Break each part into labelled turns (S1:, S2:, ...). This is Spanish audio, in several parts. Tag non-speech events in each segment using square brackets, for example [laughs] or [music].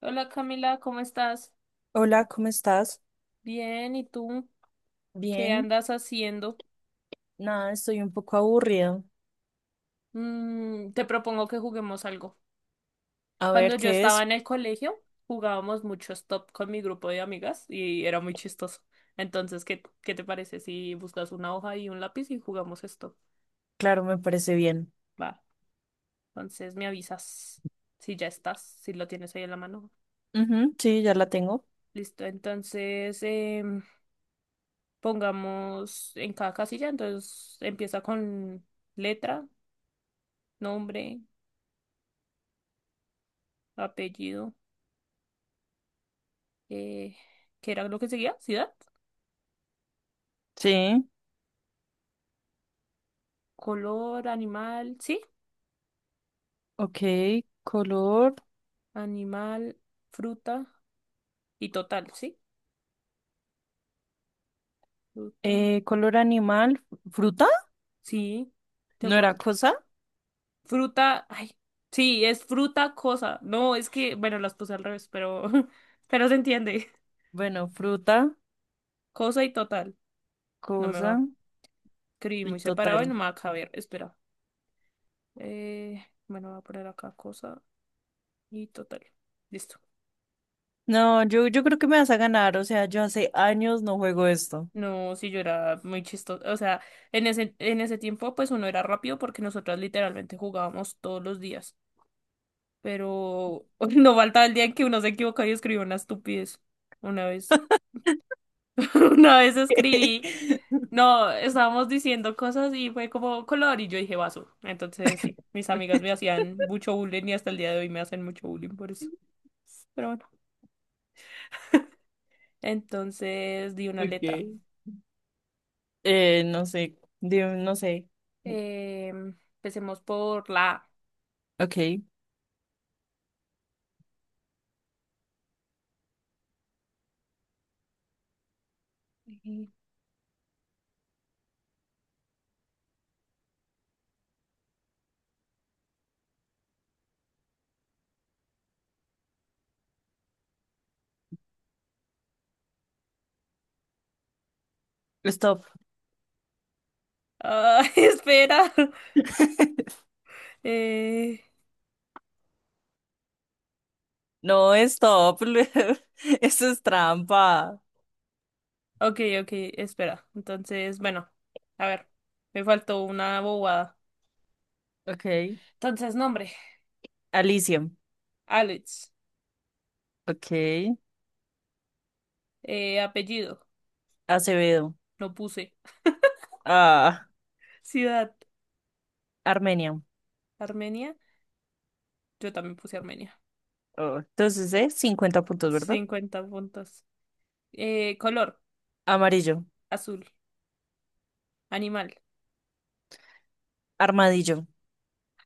S1: Hola Camila, ¿cómo estás?
S2: Hola, ¿cómo estás?
S1: Bien, ¿y tú? ¿Qué
S2: Bien,
S1: andas haciendo?
S2: nada, estoy un poco aburrida.
S1: Mm, te propongo que juguemos algo.
S2: A
S1: Cuando
S2: ver
S1: yo
S2: qué
S1: estaba
S2: es.
S1: en el colegio, jugábamos mucho stop con mi grupo de amigas y era muy chistoso. Entonces, ¿qué te parece si buscas una hoja y un lápiz y jugamos stop?
S2: Claro, me parece bien.
S1: Va, entonces me avisas si ya estás, si lo tienes ahí en la mano.
S2: Ujú, sí, ya la tengo.
S1: Listo, entonces em, pongamos en cada casilla, entonces empieza con letra, nombre, apellido, eh, ¿qué era lo que seguía? Ciudad,
S2: Sí,
S1: color, animal, sí,
S2: ok. Color,
S1: animal, fruta y total, sí, fruta,
S2: color animal, fruta,
S1: sí, de
S2: ¿no era
S1: acuerdo.
S2: cosa?
S1: Fruta, ay, sí, es fruta, cosa. No, es que, bueno, las puse al revés, pero, [laughs] pero se entiende.
S2: Bueno, fruta,
S1: Cosa y total, no me
S2: cosa
S1: va. Escribí
S2: y
S1: muy separado y no
S2: total.
S1: me va a caber, espera. Bueno, voy a poner acá cosa y total. Listo.
S2: No, yo creo que me vas a ganar. O sea, yo hace años no juego esto.
S1: No, sí, yo era muy chistoso. O sea, en ese tiempo, pues uno era rápido porque nosotras literalmente jugábamos todos los días. Pero [laughs] no faltaba el día en que uno se equivocaba y escribió una estupidez. Una vez, [laughs] una vez escribí.
S2: [laughs]
S1: No, estábamos diciendo cosas y fue como color y yo dije vaso. Entonces, sí, mis amigas me hacían mucho bullying y hasta el día de hoy me hacen mucho bullying por eso. Pero bueno, entonces di una letra.
S2: Ok. No sé, no sé.
S1: Empecemos por la
S2: Ok,
S1: A.
S2: stop.
S1: Ah, [laughs] espera.
S2: [laughs]
S1: Eh,
S2: No, stop. [laughs] Eso es trampa.
S1: ok, ok, espera. Entonces, bueno, a ver, me faltó una bobada.
S2: Ok.
S1: Entonces, nombre,
S2: Alicia.
S1: Alex.
S2: Ok.
S1: Apellido,
S2: Acevedo.
S1: no puse. [laughs]
S2: Ah,
S1: Ciudad,
S2: Armenia.
S1: Armenia. Yo también puse Armenia.
S2: Oh, entonces, 50 puntos, ¿verdad?
S1: 50 puntos. Color,
S2: Amarillo.
S1: azul. Animal.
S2: Armadillo.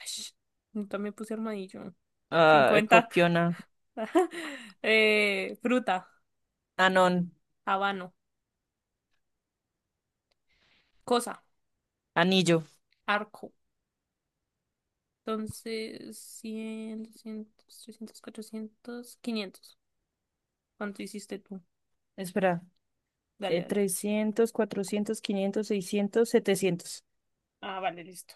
S1: Ash, yo también puse armadillo.
S2: Ah,
S1: 50.
S2: copiona.
S1: [laughs] Fruta,
S2: Anón.
S1: habano. Cosa,
S2: Anillo.
S1: arco. Entonces, 100 200 300 400 500. ¿Cuánto hiciste tú?
S2: Espera.
S1: Dale, dale.
S2: 300, 400, 500, 600, 700.
S1: Ah, vale, listo.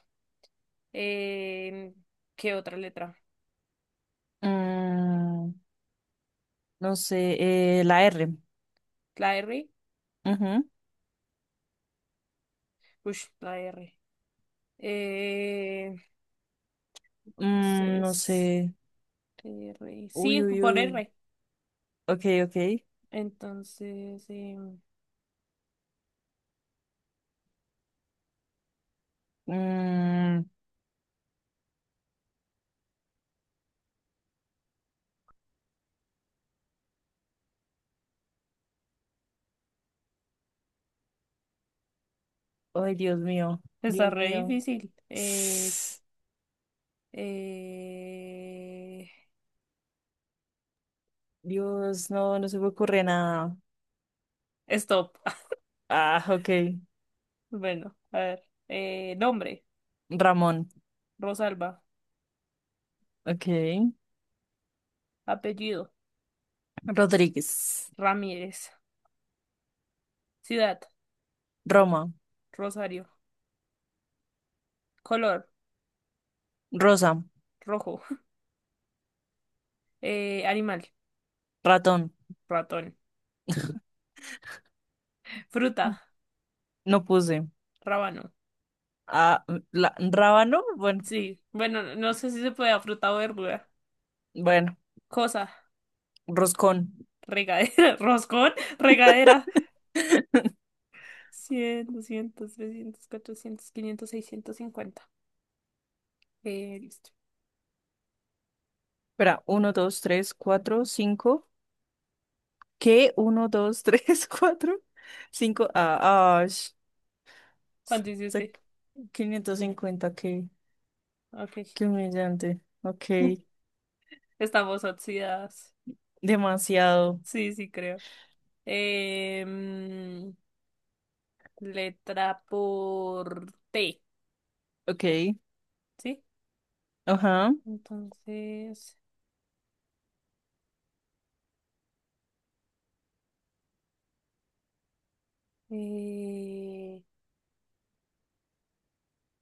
S1: Eh, ¿Qué otra letra?
S2: Mm, no sé. La R.
S1: ¿La R?
S2: Ujú.
S1: Ush, la R. Eh,
S2: Mm, no
S1: entonces,
S2: sé.
S1: R.
S2: Uy,
S1: Sí, fue
S2: uy,
S1: por
S2: uy.
S1: R.
S2: Ok, ok.
S1: Entonces,
S2: Mm, ay, Dios mío,
S1: está
S2: Dios
S1: re
S2: mío.
S1: difícil. Eh,
S2: Dios, no, no se me ocurre nada.
S1: stop. [laughs]
S2: Ah, ok.
S1: Bueno, a ver. Nombre,
S2: Ramón,
S1: Rosalba.
S2: ok.
S1: Apellido,
S2: Rodríguez,
S1: Ramírez. Ciudad,
S2: Roma,
S1: Rosario. Color,
S2: Rosa,
S1: rojo. [laughs] Animal,
S2: ratón.
S1: ratón. Ay. Fruta,
S2: No puse.
S1: rábano.
S2: Ah, la, rábano, bueno,
S1: Sí, bueno, no sé si se puede fruta o verdura.
S2: bueno,
S1: Cosa,
S2: roscón.
S1: regadera, [laughs] roscón, regadera.
S2: [laughs]
S1: 100, 200, 300, 400, 500, 650. Listo.
S2: Espera, uno, dos, tres, cuatro, cinco. ¿Qué? Uno, dos, tres, [laughs] cuatro, cinco. Ah, ah,
S1: ¿Cuánto
S2: se-
S1: hiciste?
S2: 550. ¿Qué?
S1: Ok.
S2: Qué humillante. Ok.
S1: [laughs] Estamos oxidadas.
S2: Demasiado.
S1: Sí, sí, creo. Em, letra por T,
S2: Ok.
S1: ¿sí?
S2: Ajá.
S1: Entonces... Eh,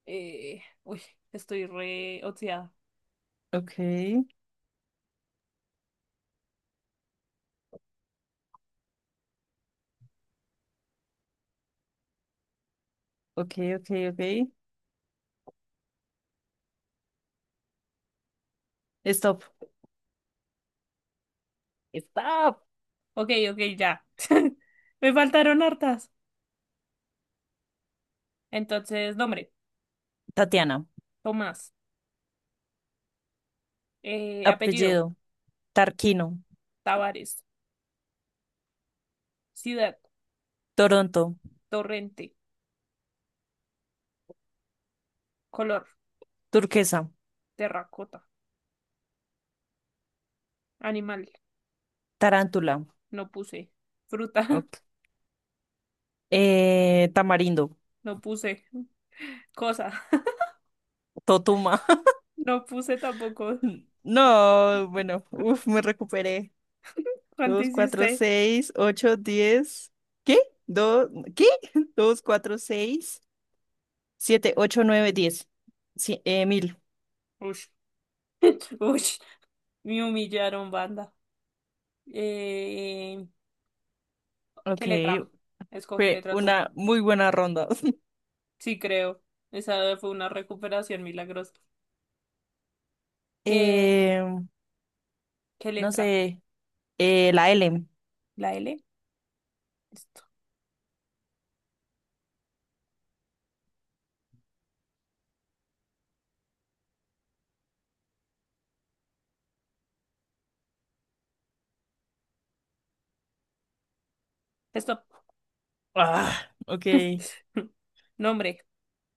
S1: uy, estoy re oxidada.
S2: Ok. Ok, ok, ok. Stop. Stop.
S1: Ok, ok, ya. [laughs] Me faltaron hartas. Entonces, nombre,
S2: Tatiana.
S1: Tomás. Apellido,
S2: Apellido. Tarquino.
S1: Tavares. Ciudad,
S2: Toronto.
S1: Torrente. Color,
S2: Turquesa.
S1: terracota. Animal,
S2: Tarántula.
S1: no puse. Fruta,
S2: Ok. Tamarindo.
S1: [laughs] no puse. Cosa, [laughs]
S2: Totuma.
S1: no puse tampoco.
S2: [laughs] No, bueno. Uf, me recuperé.
S1: ¿Cuánto
S2: Dos, cuatro,
S1: hiciste?
S2: seis, ocho, diez. ¿Qué? Dos, ¿qué? [laughs] Dos, cuatro, seis, siete, ocho, nueve, diez. Sí, 1000.
S1: Ush. [laughs] Ush. Me humillaron, banda. Eh,
S2: Ok,
S1: ¿Qué letra? Escoge
S2: fue
S1: letra tú.
S2: una muy buena ronda. [laughs]
S1: Sí, creo. Esa fue una recuperación milagrosa. ¿Qué,
S2: Eh,
S1: qué
S2: no
S1: letra?
S2: sé, la L.
S1: ¿La L? Esto. Esto.
S2: Ah, ok.
S1: [laughs] Nombre,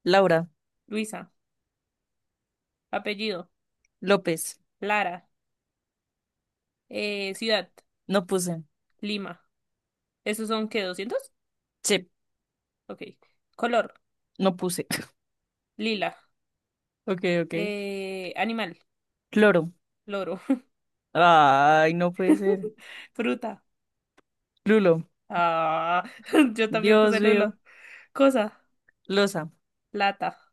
S2: Laura,
S1: Luisa. Apellido,
S2: López,
S1: Lara. Ciudad,
S2: no puse.
S1: Lima. ¿Esos son qué? 200.
S2: Sí,
S1: Ok. Color,
S2: no puse. [laughs]
S1: lila.
S2: Ok, ok.
S1: Animal,
S2: Cloro.
S1: loro.
S2: Ay, no puede ser.
S1: [laughs] Fruta.
S2: Lulo,
S1: Ah, [laughs] yo también puse
S2: Dios mío.
S1: Lula. Cosa,
S2: Losa.
S1: lata.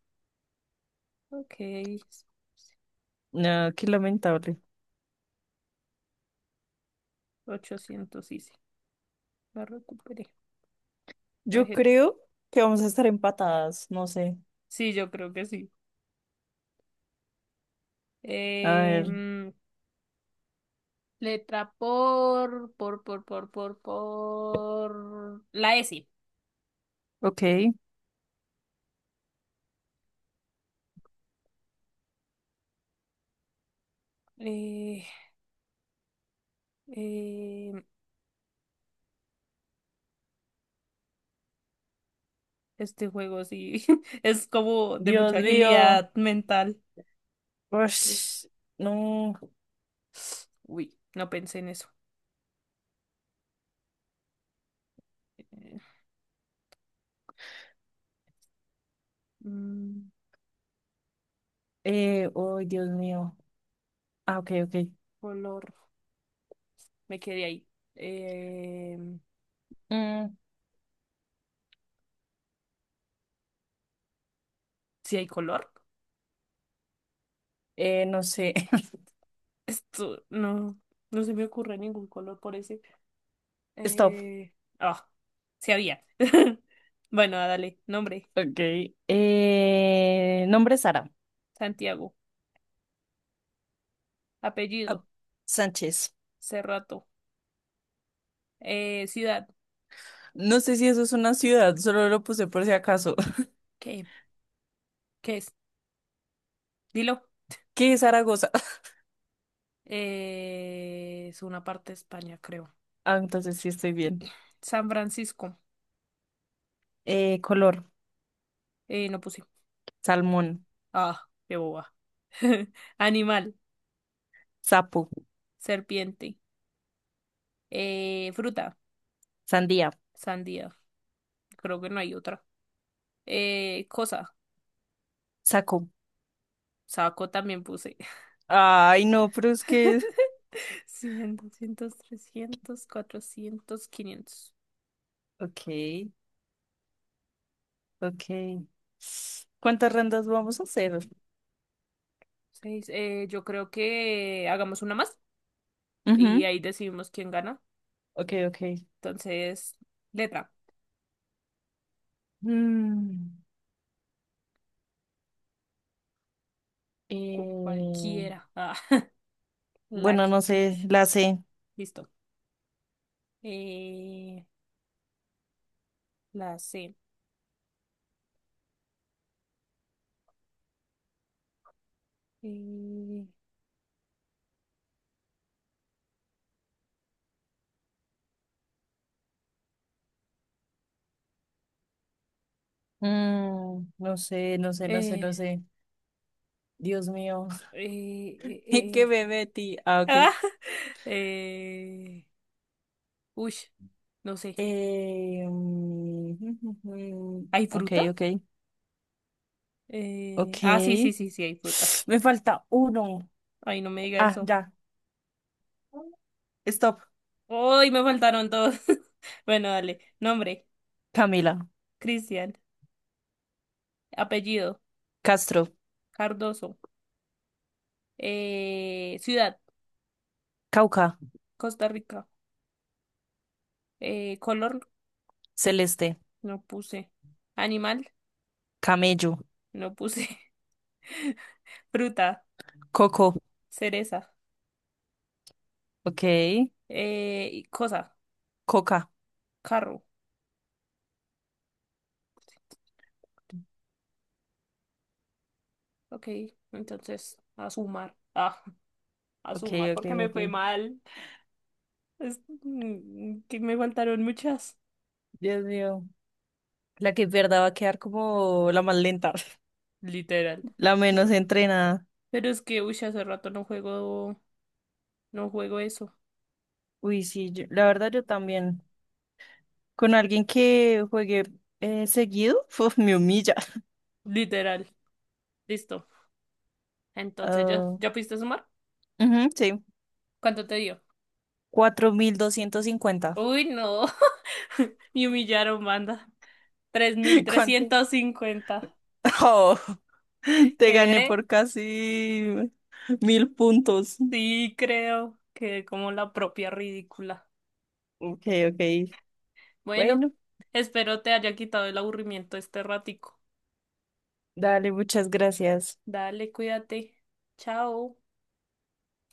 S1: Ok.
S2: No, qué lamentable.
S1: 800 hice. La recuperé. No
S2: Yo
S1: dije-
S2: creo que vamos a estar empatadas, no sé.
S1: Sí, yo creo que sí.
S2: A
S1: Eh,
S2: ver,
S1: mm, letra por. La S.
S2: ok.
S1: Eh, eh, este juego sí [laughs] es como de
S2: Dios
S1: mucha
S2: mío.
S1: agilidad mental. Eh,
S2: Ush, no.
S1: Uy, no pensé en eso. Eh, mm,
S2: Oh, Dios mío. Ah, ok, ok.
S1: color. Me quedé ahí. Eh,
S2: Mm,
S1: ¿Sí hay color?
S2: No sé. [laughs]
S1: Esto no, no se me ocurre ningún color por ese.
S2: Stop.
S1: Eh, ah, sí había. [laughs] Bueno, ah, dale, nombre,
S2: Ok. Nombre Sara.
S1: Santiago,
S2: Ah,
S1: apellido,
S2: Sánchez.
S1: Cerrato, ciudad,
S2: No sé si eso es una ciudad, solo lo puse por si acaso. [laughs]
S1: ¿qué? ¿Qué es? Dilo.
S2: ¿Qué es Zaragoza? [laughs]
S1: Es una parte de España, creo.
S2: Ah, entonces sí estoy bien.
S1: San Francisco,
S2: Color,
S1: no puse.
S2: salmón,
S1: Ah, qué boba. [laughs] Animal,
S2: sapo,
S1: serpiente, fruta,
S2: sandía,
S1: sandía, creo que no hay otra. Cosa,
S2: saco.
S1: saco también puse.
S2: Ay, no, pero es que...
S1: [laughs] 100, 200, 300 400 500.
S2: Ok, ok. ¿Cuántas rondas vamos a hacer?
S1: Seis. Yo creo que hagamos una más y
S2: Ujú.
S1: ahí decidimos quién gana.
S2: Ok, ok.
S1: Entonces, letra.
S2: Mm,
S1: Cu-
S2: eh,
S1: cualquiera. Ah, [laughs] la
S2: bueno,
S1: que
S2: no sé,
S1: quieres.
S2: la C.
S1: Listo. Eh, la C. Eh,
S2: Mm, no sé, no sé, no sé, no
S1: eh,
S2: sé. Dios mío,
S1: eh,
S2: [laughs]
S1: eh,
S2: ¿en qué
S1: eh.
S2: me metí? Ah, ok.
S1: Ah, [laughs] eh, uy, no sé.
S2: [laughs]
S1: ¿Hay
S2: Ok,
S1: fruta?
S2: ok,
S1: Ah, sí, sí,
S2: ok.
S1: sí, sí, hay fruta.
S2: [sniffs] Me falta uno.
S1: Ay, no me diga
S2: Ah,
S1: eso.
S2: ya. Stop.
S1: Uy, me faltaron todos. [laughs] Bueno, dale. Nombre,
S2: Camila,
S1: Cristian. Apellido,
S2: Castro,
S1: Cardoso. Ciudad,
S2: Cauca,
S1: Costa Rica. Color,
S2: Celeste,
S1: no puse. Animal,
S2: Camello,
S1: no puse. [laughs] Fruta,
S2: Coco.
S1: cereza.
S2: Ok.
S1: Y cosa,
S2: Coca.
S1: carro. Ok, entonces, a sumar. Ah, [laughs] a
S2: Ok,
S1: sumar
S2: ok,
S1: porque me
S2: ok.
S1: fue mal. Que me faltaron muchas.
S2: Dios mío. La que pierda va a quedar como la más lenta, [laughs]
S1: Literal.
S2: la menos
S1: No,
S2: entrenada.
S1: pero es que, uy, hace rato no juego, no juego eso.
S2: Uy, sí, la verdad yo también. Con alguien que juegue seguido, [laughs] uf, me humilla.
S1: Literal. Listo. Entonces, ¿ya,
S2: Ah,
S1: ya pudiste sumar?
S2: ujú, sí,
S1: ¿Cuánto te dio?
S2: 4250.
S1: Uy, no. [laughs] Me humillaron, banda. Tres mil
S2: [laughs] ¿Cuánto?
S1: trescientos cincuenta.
S2: Oh, [laughs] te gané
S1: Quedé,
S2: por casi 1000 puntos.
S1: sí, creo. Quedé como la propia ridícula.
S2: Ok, ok.
S1: Bueno,
S2: Bueno,
S1: espero te haya quitado el aburrimiento este ratico.
S2: dale, muchas gracias.
S1: Dale, cuídate. Chao.